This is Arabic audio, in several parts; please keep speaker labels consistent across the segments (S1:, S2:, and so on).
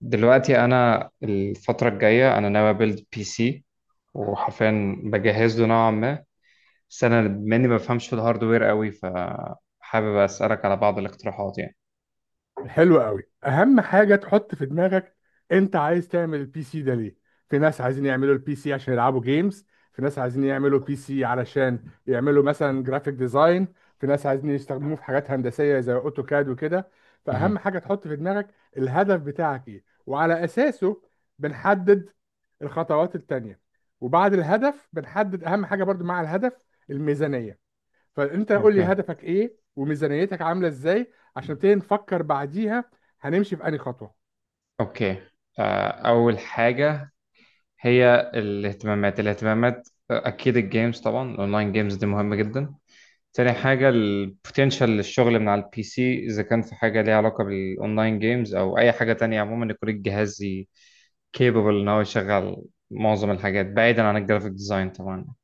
S1: دلوقتي انا الفتره الجايه انا ناوي ابيلد بي سي، وحرفيا بجهز له نوعا ما. بس انا مني ما بفهمش في الهاردوير قوي، فحابب اسالك على بعض الاقتراحات يعني.
S2: حلو قوي. اهم حاجه تحط في دماغك، انت عايز تعمل البي سي ده ليه؟ في ناس عايزين يعملوا البي سي عشان يلعبوا جيمز، في ناس عايزين يعملوا بي سي علشان يعملوا مثلا جرافيك ديزاين، في ناس عايزين يستخدموه في حاجات هندسيه زي اوتوكاد وكده. فاهم؟
S1: مهم.
S2: حاجه تحط في دماغك: الهدف بتاعك ايه؟ وعلى اساسه بنحدد الخطوات التانيه. وبعد الهدف بنحدد اهم حاجه برضو مع الهدف، الميزانيه. فانت قول لي
S1: اوكي.
S2: هدفك ايه وميزانيتك عامله ازاي عشان نبتدي نفكر بعديها هنمشي في انهي خطوه.
S1: اوكي. اول حاجه هي الاهتمامات، اكيد الجيمز طبعا، الاونلاين جيمز دي مهمه جدا. تاني حاجة البوتنشال للشغل من على البي سي، إذا كان في حاجة ليها علاقة بالأونلاين جيمز أو أي حاجة تانية عموما، يكون الجهاز كيبل إن هو يشغل معظم الحاجات بعيدا عن الجرافيك ديزاين طبعا.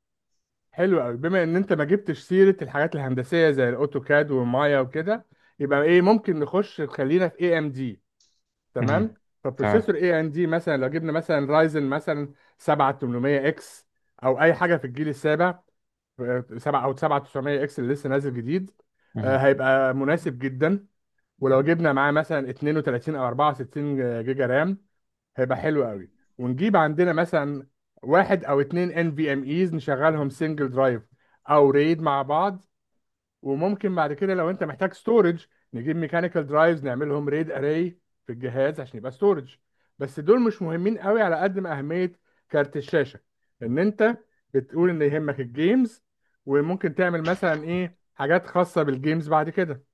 S2: حلو قوي، بما ان انت ما جبتش سيره الحاجات الهندسيه زي الاوتوكاد والمايا وكده، يبقى ايه ممكن نخش، خلينا في اي ام دي. تمام.
S1: مهم.
S2: فبروسيسور
S1: تمام.
S2: اي ام دي، مثلا لو جبنا مثلا رايزن مثلا 7800 اكس، او اي حاجه في الجيل السابع 7، او 7900 اكس اللي لسه نازل جديد،
S1: مهم.
S2: هيبقى مناسب جدا. ولو جبنا معاه مثلا 32 او 64 جيجا رام، هيبقى حلو قوي. ونجيب عندنا مثلا واحد او اتنين ان في ام ايز نشغلهم سنجل درايف او ريد مع بعض. وممكن بعد كده لو انت محتاج ستورج، نجيب ميكانيكال درايفز نعملهم ريد اري في الجهاز عشان يبقى ستورج. بس دول مش مهمين قوي على قد ما اهمية كارت الشاشة، ان انت بتقول ان يهمك الجيمز وممكن تعمل مثلا ايه حاجات خاصة بالجيمز بعد كده.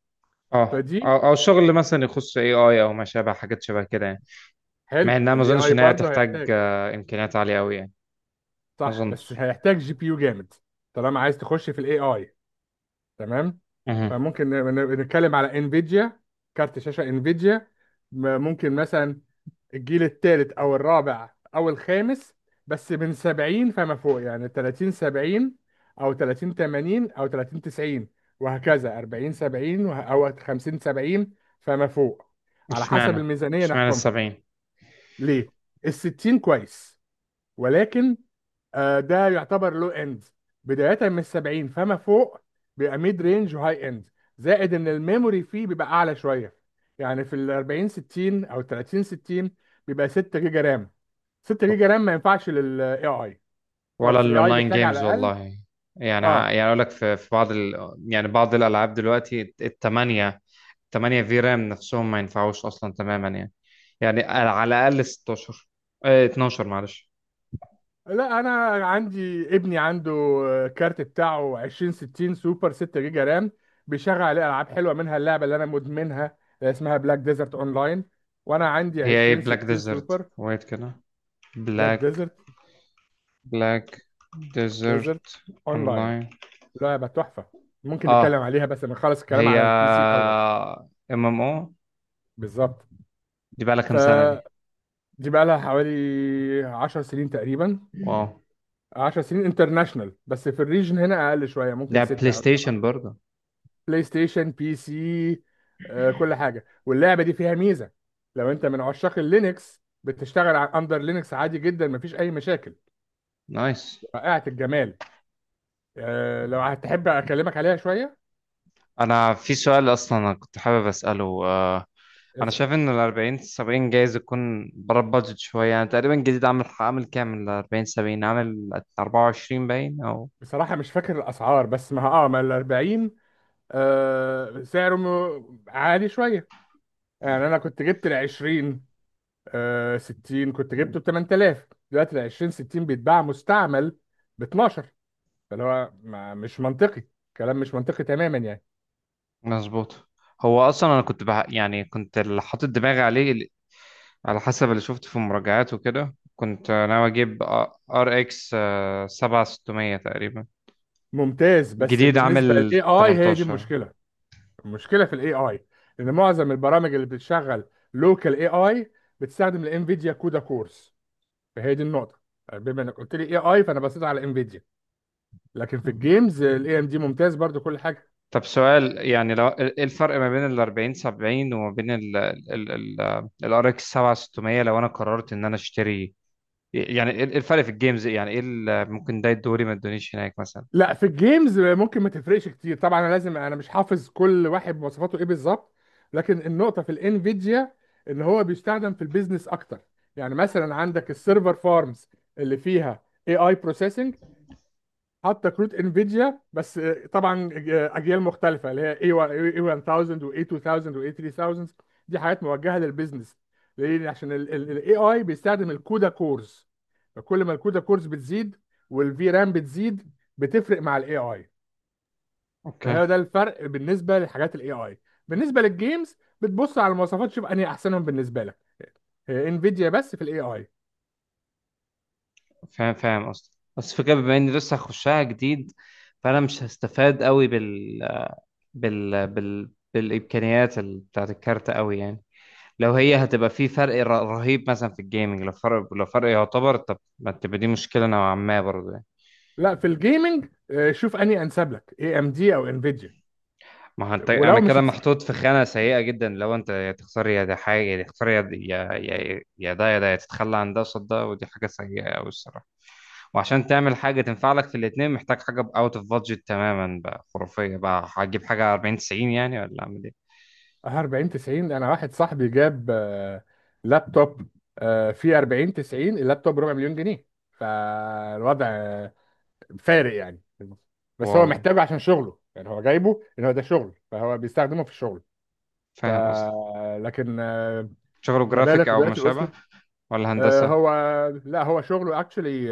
S1: اه
S2: فدي
S1: أو أو شغل مثلا يخص اي اي أو ما شابه، حاجات شبه كده يعني. مع
S2: حلو،
S1: إنها ما
S2: الاي
S1: أظنش
S2: اي
S1: إن هي
S2: برضه
S1: تحتاج
S2: هيحتاج.
S1: إمكانيات عالية أوي يعني. ما
S2: صح، بس
S1: أظنش.
S2: هيحتاج جي بي يو جامد طالما عايز تخش في الاي اي. تمام.
S1: مهم.
S2: فممكن نتكلم على انفيديا، كارت شاشه انفيديا. ممكن مثلا الجيل الثالث او الرابع او الخامس، بس من 70 فما فوق، يعني 30 70 او 30 80 او 30 90، وهكذا 40 70 او 50 70 فما فوق، على حسب
S1: اشمعنى
S2: الميزانية
S1: اشمعنى
S2: نحكمها.
S1: السبعين؟
S2: ليه؟ الستين كويس، ولكن ده يعتبر لو اند. بداية من 70 فما فوق بيبقى ميد رينج وهاي اند، زائد ان الميموري فيه بيبقى اعلى شوية. يعني في ال 40 60 او 30 60 بيبقى 6 جيجا رام. 6 جيجا رام ما ينفعش للاي اي
S1: ولا
S2: خالص، الاي اي
S1: الاونلاين
S2: بيحتاج على
S1: جيمز
S2: الاقل.
S1: والله. يعني ه-
S2: اه
S1: يعني اقول لك في يعني بعض الالعاب دلوقتي التمانية. 8 في رام نفسهم ما ينفعوش اصلا تماما يعني. يعني على الاقل 16، اه 12 معلش.
S2: لا، انا عندي ابني عنده كارت بتاعه 20 60 سوبر 6 جيجا رام، بيشغل عليه العاب حلوه، منها اللعبه اللي انا مدمنها اللي اسمها بلاك ديزرت اونلاين، وانا عندي
S1: هي ايه
S2: 20
S1: بلاك
S2: 60
S1: ديزرت
S2: سوبر.
S1: ويت كده؟
S2: بلاك
S1: بلاك
S2: ديزرت.
S1: بلاك ديزرت
S2: ديزرت اونلاين،
S1: اونلاين.
S2: لعبه تحفه. ممكن نتكلم
S1: اه.
S2: عليها بس نخلص الكلام
S1: هي
S2: على البي سي الاول.
S1: ام ام او.
S2: بالظبط.
S1: دي بقى لها كام سنة دي؟
S2: فدي بقى لها حوالي 10 سنين تقريبا،
S1: واو.
S2: 10 سنين انترناشونال، بس في الريجن هنا اقل شويه، ممكن
S1: ده
S2: 6
S1: بلاي
S2: او 7.
S1: ستيشن برضه؟
S2: بلاي ستيشن؟ بي سي، كل حاجه. واللعبه دي فيها ميزه: لو انت من عشاق اللينكس، بتشتغل على اندر لينكس عادي جدا، مفيش اي مشاكل.
S1: نايس.
S2: رائعه الجمال. لو هتحب اكلمك عليها شويه.
S1: انا في سؤال اصلا أنا كنت حابب اساله، انا شايف ان ال 40 70 جايز يكون بره البادجت شويه يعني. تقريبا جديد عامل كام ال 40 70؟ عامل 24 باين او؟
S2: بصراحة مش فاكر الأسعار، بس ما ما ال 40، آه سعره عالي شوية. يعني أنا كنت جبت ال 20، آه 60، كنت جبته ب 8000. دلوقتي ال 20 60 بيتباع مستعمل ب 12. فاللي هو ما مش منطقي، كلام مش منطقي تماما يعني.
S1: مظبوط. هو اصلا انا يعني كنت اللي حاطط دماغي عليه على حسب اللي شفته في المراجعات وكده، كنت ناوي اجيب ار اكس 7600 تقريبا.
S2: ممتاز، بس
S1: جديد
S2: بالنسبة
S1: عامل
S2: للاي اي هي دي
S1: 18.
S2: المشكلة. المشكلة في الاي اي إن معظم البرامج اللي بتشغل لوكال اي اي بتستخدم الانفيديا كودا كورس. فهي دي النقطة. بما انك قلت لي اي اي، فانا بصيت على انفيديا. لكن في الجيمز الاي ام دي ممتاز برضو، كل حاجه.
S1: طب سؤال، يعني لو ايه الفرق ما بين ال 40 70 وما بين ال RX 7600، لو انا قررت ان انا اشتري؟ يعني ايه الفرق في الجيمز؟ يعني ايه اللي ممكن ده الدوري ما ادونيش هناك مثلا؟
S2: لا، في الجيمز ممكن ما تفرقش كتير طبعا. انا لازم، انا مش حافظ كل واحد مواصفاته ايه بالظبط. لكن النقطه في الانفيديا ان هو بيستخدم في البيزنس اكتر. يعني مثلا عندك السيرفر فارمز اللي فيها اي اي حاطه كروت انفيديا بس، طبعا اجيال مختلفه، اللي هي اي 1000 واي 2000 واي 3000، دي حاجات موجهه للبيزنس. ليه؟ عشان الاي اي بيستخدم الكودا كورز، فكل ما الكودا كورز بتزيد والفي رام بتزيد، بتفرق مع الاي اي.
S1: اوكي.
S2: فهو ده الفرق بالنسبه لحاجات الاي اي. بالنسبه للجيمز بتبص على المواصفات، تشوف انهي احسنهم بالنسبه لك. انفيديا بس في الاي اي.
S1: فاهم قصدي. بس فكرة بما اني لسه هخشها جديد، فانا مش هستفاد قوي بال بالامكانيات بتاعت الكارت قوي يعني. لو هي هتبقى في فرق رهيب مثلا في الجيمنج، لو فرق، لو فرق يعتبر، طب ما تبقى دي مشكله نوعا ما برضه يعني.
S2: لا، في الجيمنج شوف انهي انسب لك، اي ام دي او انفيديا.
S1: ما هو انت انا
S2: ولو مش
S1: كده
S2: هتست...
S1: محطوط في خانه سيئه جدا، لو انت يا تختار يا ده حاجه، يا تختار يا ده، يا تتخلى عن ده قصاد ده، ودي حاجه سيئه قوي الصراحه. وعشان تعمل حاجة تنفع لك في الاتنين محتاج حاجة اوت اوف بادجت تماما بقى، خرافية بقى، هتجيب حاجة 40 90 يعني، ولا اعمل ايه؟
S2: 40 90، انا واحد صاحبي جاب لابتوب فيه 40 90. اللابتوب ربع مليون جنيه، فالوضع فارق يعني. بس هو
S1: واو.
S2: محتاجه عشان شغله، يعني هو جايبه ان هو ده شغل فهو بيستخدمه في الشغل. ف
S1: فاهم قصدي.
S2: لكن
S1: شغله جرافيك
S2: مبالغ
S1: او ما
S2: دلوقتي
S1: شابه؟
S2: وصلت.
S1: ولا هندسة؟
S2: هو، لا هو شغله اكشلي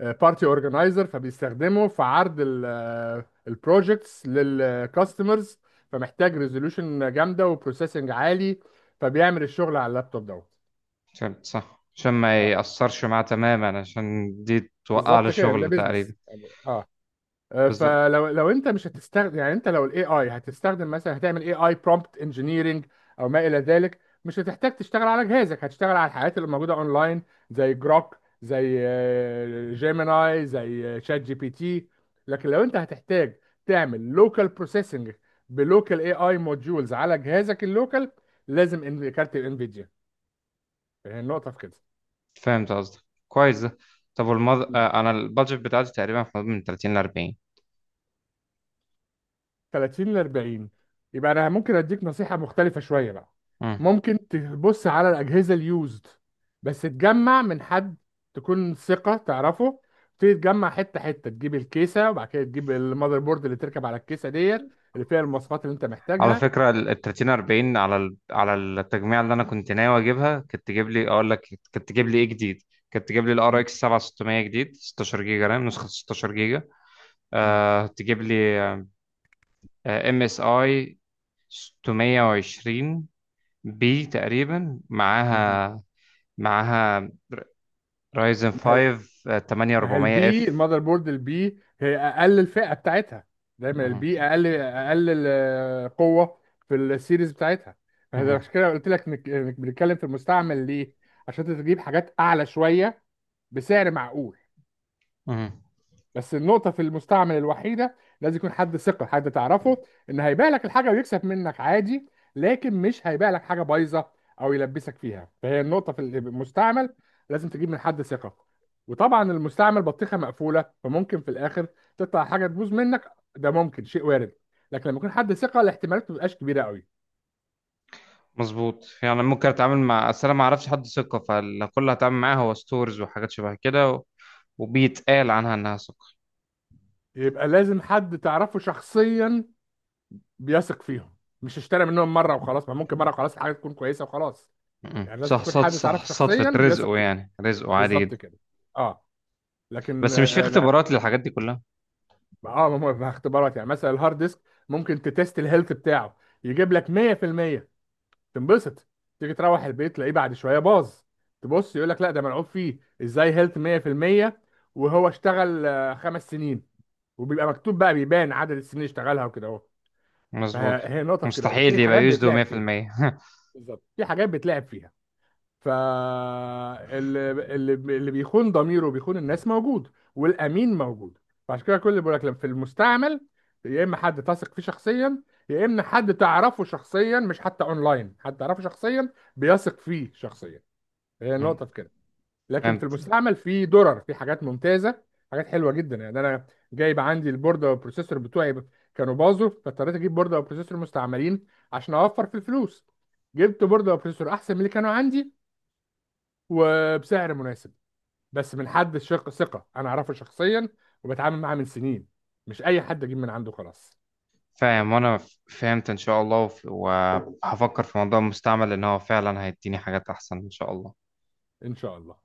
S2: بارتي اورجنايزر، فبيستخدمه في عرض البروجكتس للكاستمرز، فمحتاج ريزولوشن جامده وبروسيسنج عالي، فبيعمل الشغل على اللابتوب دوت.
S1: عشان صح، عشان ما
S2: اه،
S1: يأثرش معاه تماما، عشان دي توقع له
S2: بالظبط كده، ده
S1: شغل تقريبا.
S2: بيزنس يعني. اه
S1: بالظبط.
S2: فلو انت مش هتستخدم، يعني انت لو الاي اي هتستخدم مثلا، هتعمل اي اي برومبت انجينيرنج او ما الى ذلك، مش هتحتاج تشتغل على جهازك، هتشتغل على الحاجات اللي موجوده اونلاين زي جروك، زي جيميناي، زي شات جي بي تي. لكن لو انت هتحتاج تعمل لوكال بروسيسنج بلوكال اي اي موديولز على جهازك اللوكال، لازم كارت الانفيديا، هي النقطه في كده.
S1: فهمت قصدك. كويس ده. طب والمض... آه، انا البادجت بتاعتي تقريبا في حدود من 30 ل 40.
S2: 30 ل 40؟ يبقى انا ممكن اديك نصيحه مختلفه شويه بقى. ممكن تبص على الاجهزه اليوزد، بس تجمع من حد تكون ثقه تعرفه. تبتدي تجمع حته حته، تجيب الكيسه، وبعد كده تجيب المذر بورد اللي تركب على الكيسه ديت اللي فيها المواصفات اللي انت
S1: على
S2: محتاجها.
S1: فكرة ال 30 40، على على التجميع اللي أنا كنت ناوي أجيبها، كانت تجيب لي أقول لك، كانت تجيب لي إيه جديد، كانت تجيب لي ال
S2: مم.
S1: RX 7600 جديد 16 جيجا رام، نسخة 16 جيجا.
S2: مم.
S1: آه، تجيب لي آه MSI 620 بي تقريبا
S2: مم.
S1: معاها. معاها رايزن 5
S2: ما هي
S1: 8400
S2: البي،
S1: اف.
S2: المذر بورد البي، هي اقل الفئه بتاعتها. دايما
S1: مهم.
S2: البي اقل، قوه في السيريز بتاعتها. فده
S1: مهم.
S2: عشان كده قلت لك إنك بنتكلم في المستعمل. ليه؟ عشان تجيب حاجات اعلى شويه بسعر معقول.
S1: مهم.
S2: بس النقطة في المستعمل الوحيدة، لازم يكون حد ثقة، حد تعرفه، إن هيبيع لك الحاجة ويكسب منك عادي، لكن مش هيبيع لك حاجة بايظة أو يلبسك فيها. فهي النقطة في المستعمل، لازم تجيب من حد ثقة. وطبعا المستعمل بطيخة مقفولة، فممكن في الآخر تطلع حاجة تبوظ منك، ده ممكن شيء وارد، لكن لما يكون حد ثقة الاحتمالات ما بتبقاش كبيرة قوي.
S1: مظبوط. يعني ممكن اتعامل مع، اصل انا ما اعرفش حد ثقه، فكل اللي هتعامل معاه هو ستورز وحاجات شبه كده، وبيتقال عنها إنها سكر.
S2: يبقى لازم حد تعرفه شخصيا بيثق فيهم، مش اشترى منهم مرة وخلاص، ما ممكن مرة وخلاص الحاجة تكون كويسة وخلاص.
S1: م.
S2: يعني لازم
S1: صح،
S2: تكون
S1: صح،
S2: حد
S1: صح.
S2: تعرفه
S1: صدفة
S2: شخصيا بيثق
S1: رزقه
S2: فيه.
S1: يعني، رزقه عادي
S2: بالظبط
S1: جدا.
S2: كده. اه، لكن
S1: بس مش في
S2: لا،
S1: اختبارات للحاجات دي كلها؟
S2: اه ما هو في اختبارات. يعني مثلا الهارد ديسك ممكن تتست الهيلث بتاعه، يجيب لك 100%، تنبسط، تيجي تروح البيت تلاقيه بعد شويه باظ، تبص يقول لك لا ده ملعوب فيه، ازاي هيلث 100% وهو اشتغل خمس سنين؟ وبيبقى مكتوب بقى، بيبان عدد السنين اللي اشتغلها وكده اهو.
S1: مظبوط.
S2: فهي نقطه في كده اهو،
S1: مستحيل
S2: ففي
S1: يبقى
S2: حاجات
S1: يسدو
S2: بيتلعب فيها.
S1: 100%.
S2: بالظبط، في حاجات بيتلعب فيها. فاللي، اللي بيخون ضميره وبيخون الناس موجود، والامين موجود. فعشان كده كل اللي بيقول لك لما في المستعمل: يا اما حد تثق فيه شخصيا، يا اما حد تعرفه شخصيا، مش حتى اونلاين، حد تعرفه شخصيا بيثق فيه شخصيا. هي
S1: م.
S2: النقطه في كده. لكن في
S1: فهمت.
S2: المستعمل في درر، في حاجات ممتازه، حاجات حلوه جدا يعني. انا جايب عندي البورده والبروسيسور بتوعي كانوا باظوا، فاضطريت اجيب بورده وبروسيسور مستعملين عشان اوفر في الفلوس. جبت بورده وبروسيسور احسن من اللي كانوا عندي وبسعر مناسب، بس من حد شق ثقة أنا أعرفه شخصيا وبتعامل معاه من سنين، مش أي حد أجيب من عنده خلاص.
S1: فاهم. وأنا فهمت إن شاء الله، وهفكر في موضوع المستعمل، إن هو فعلا هيديني حاجات أحسن إن شاء الله.
S2: إن شاء الله.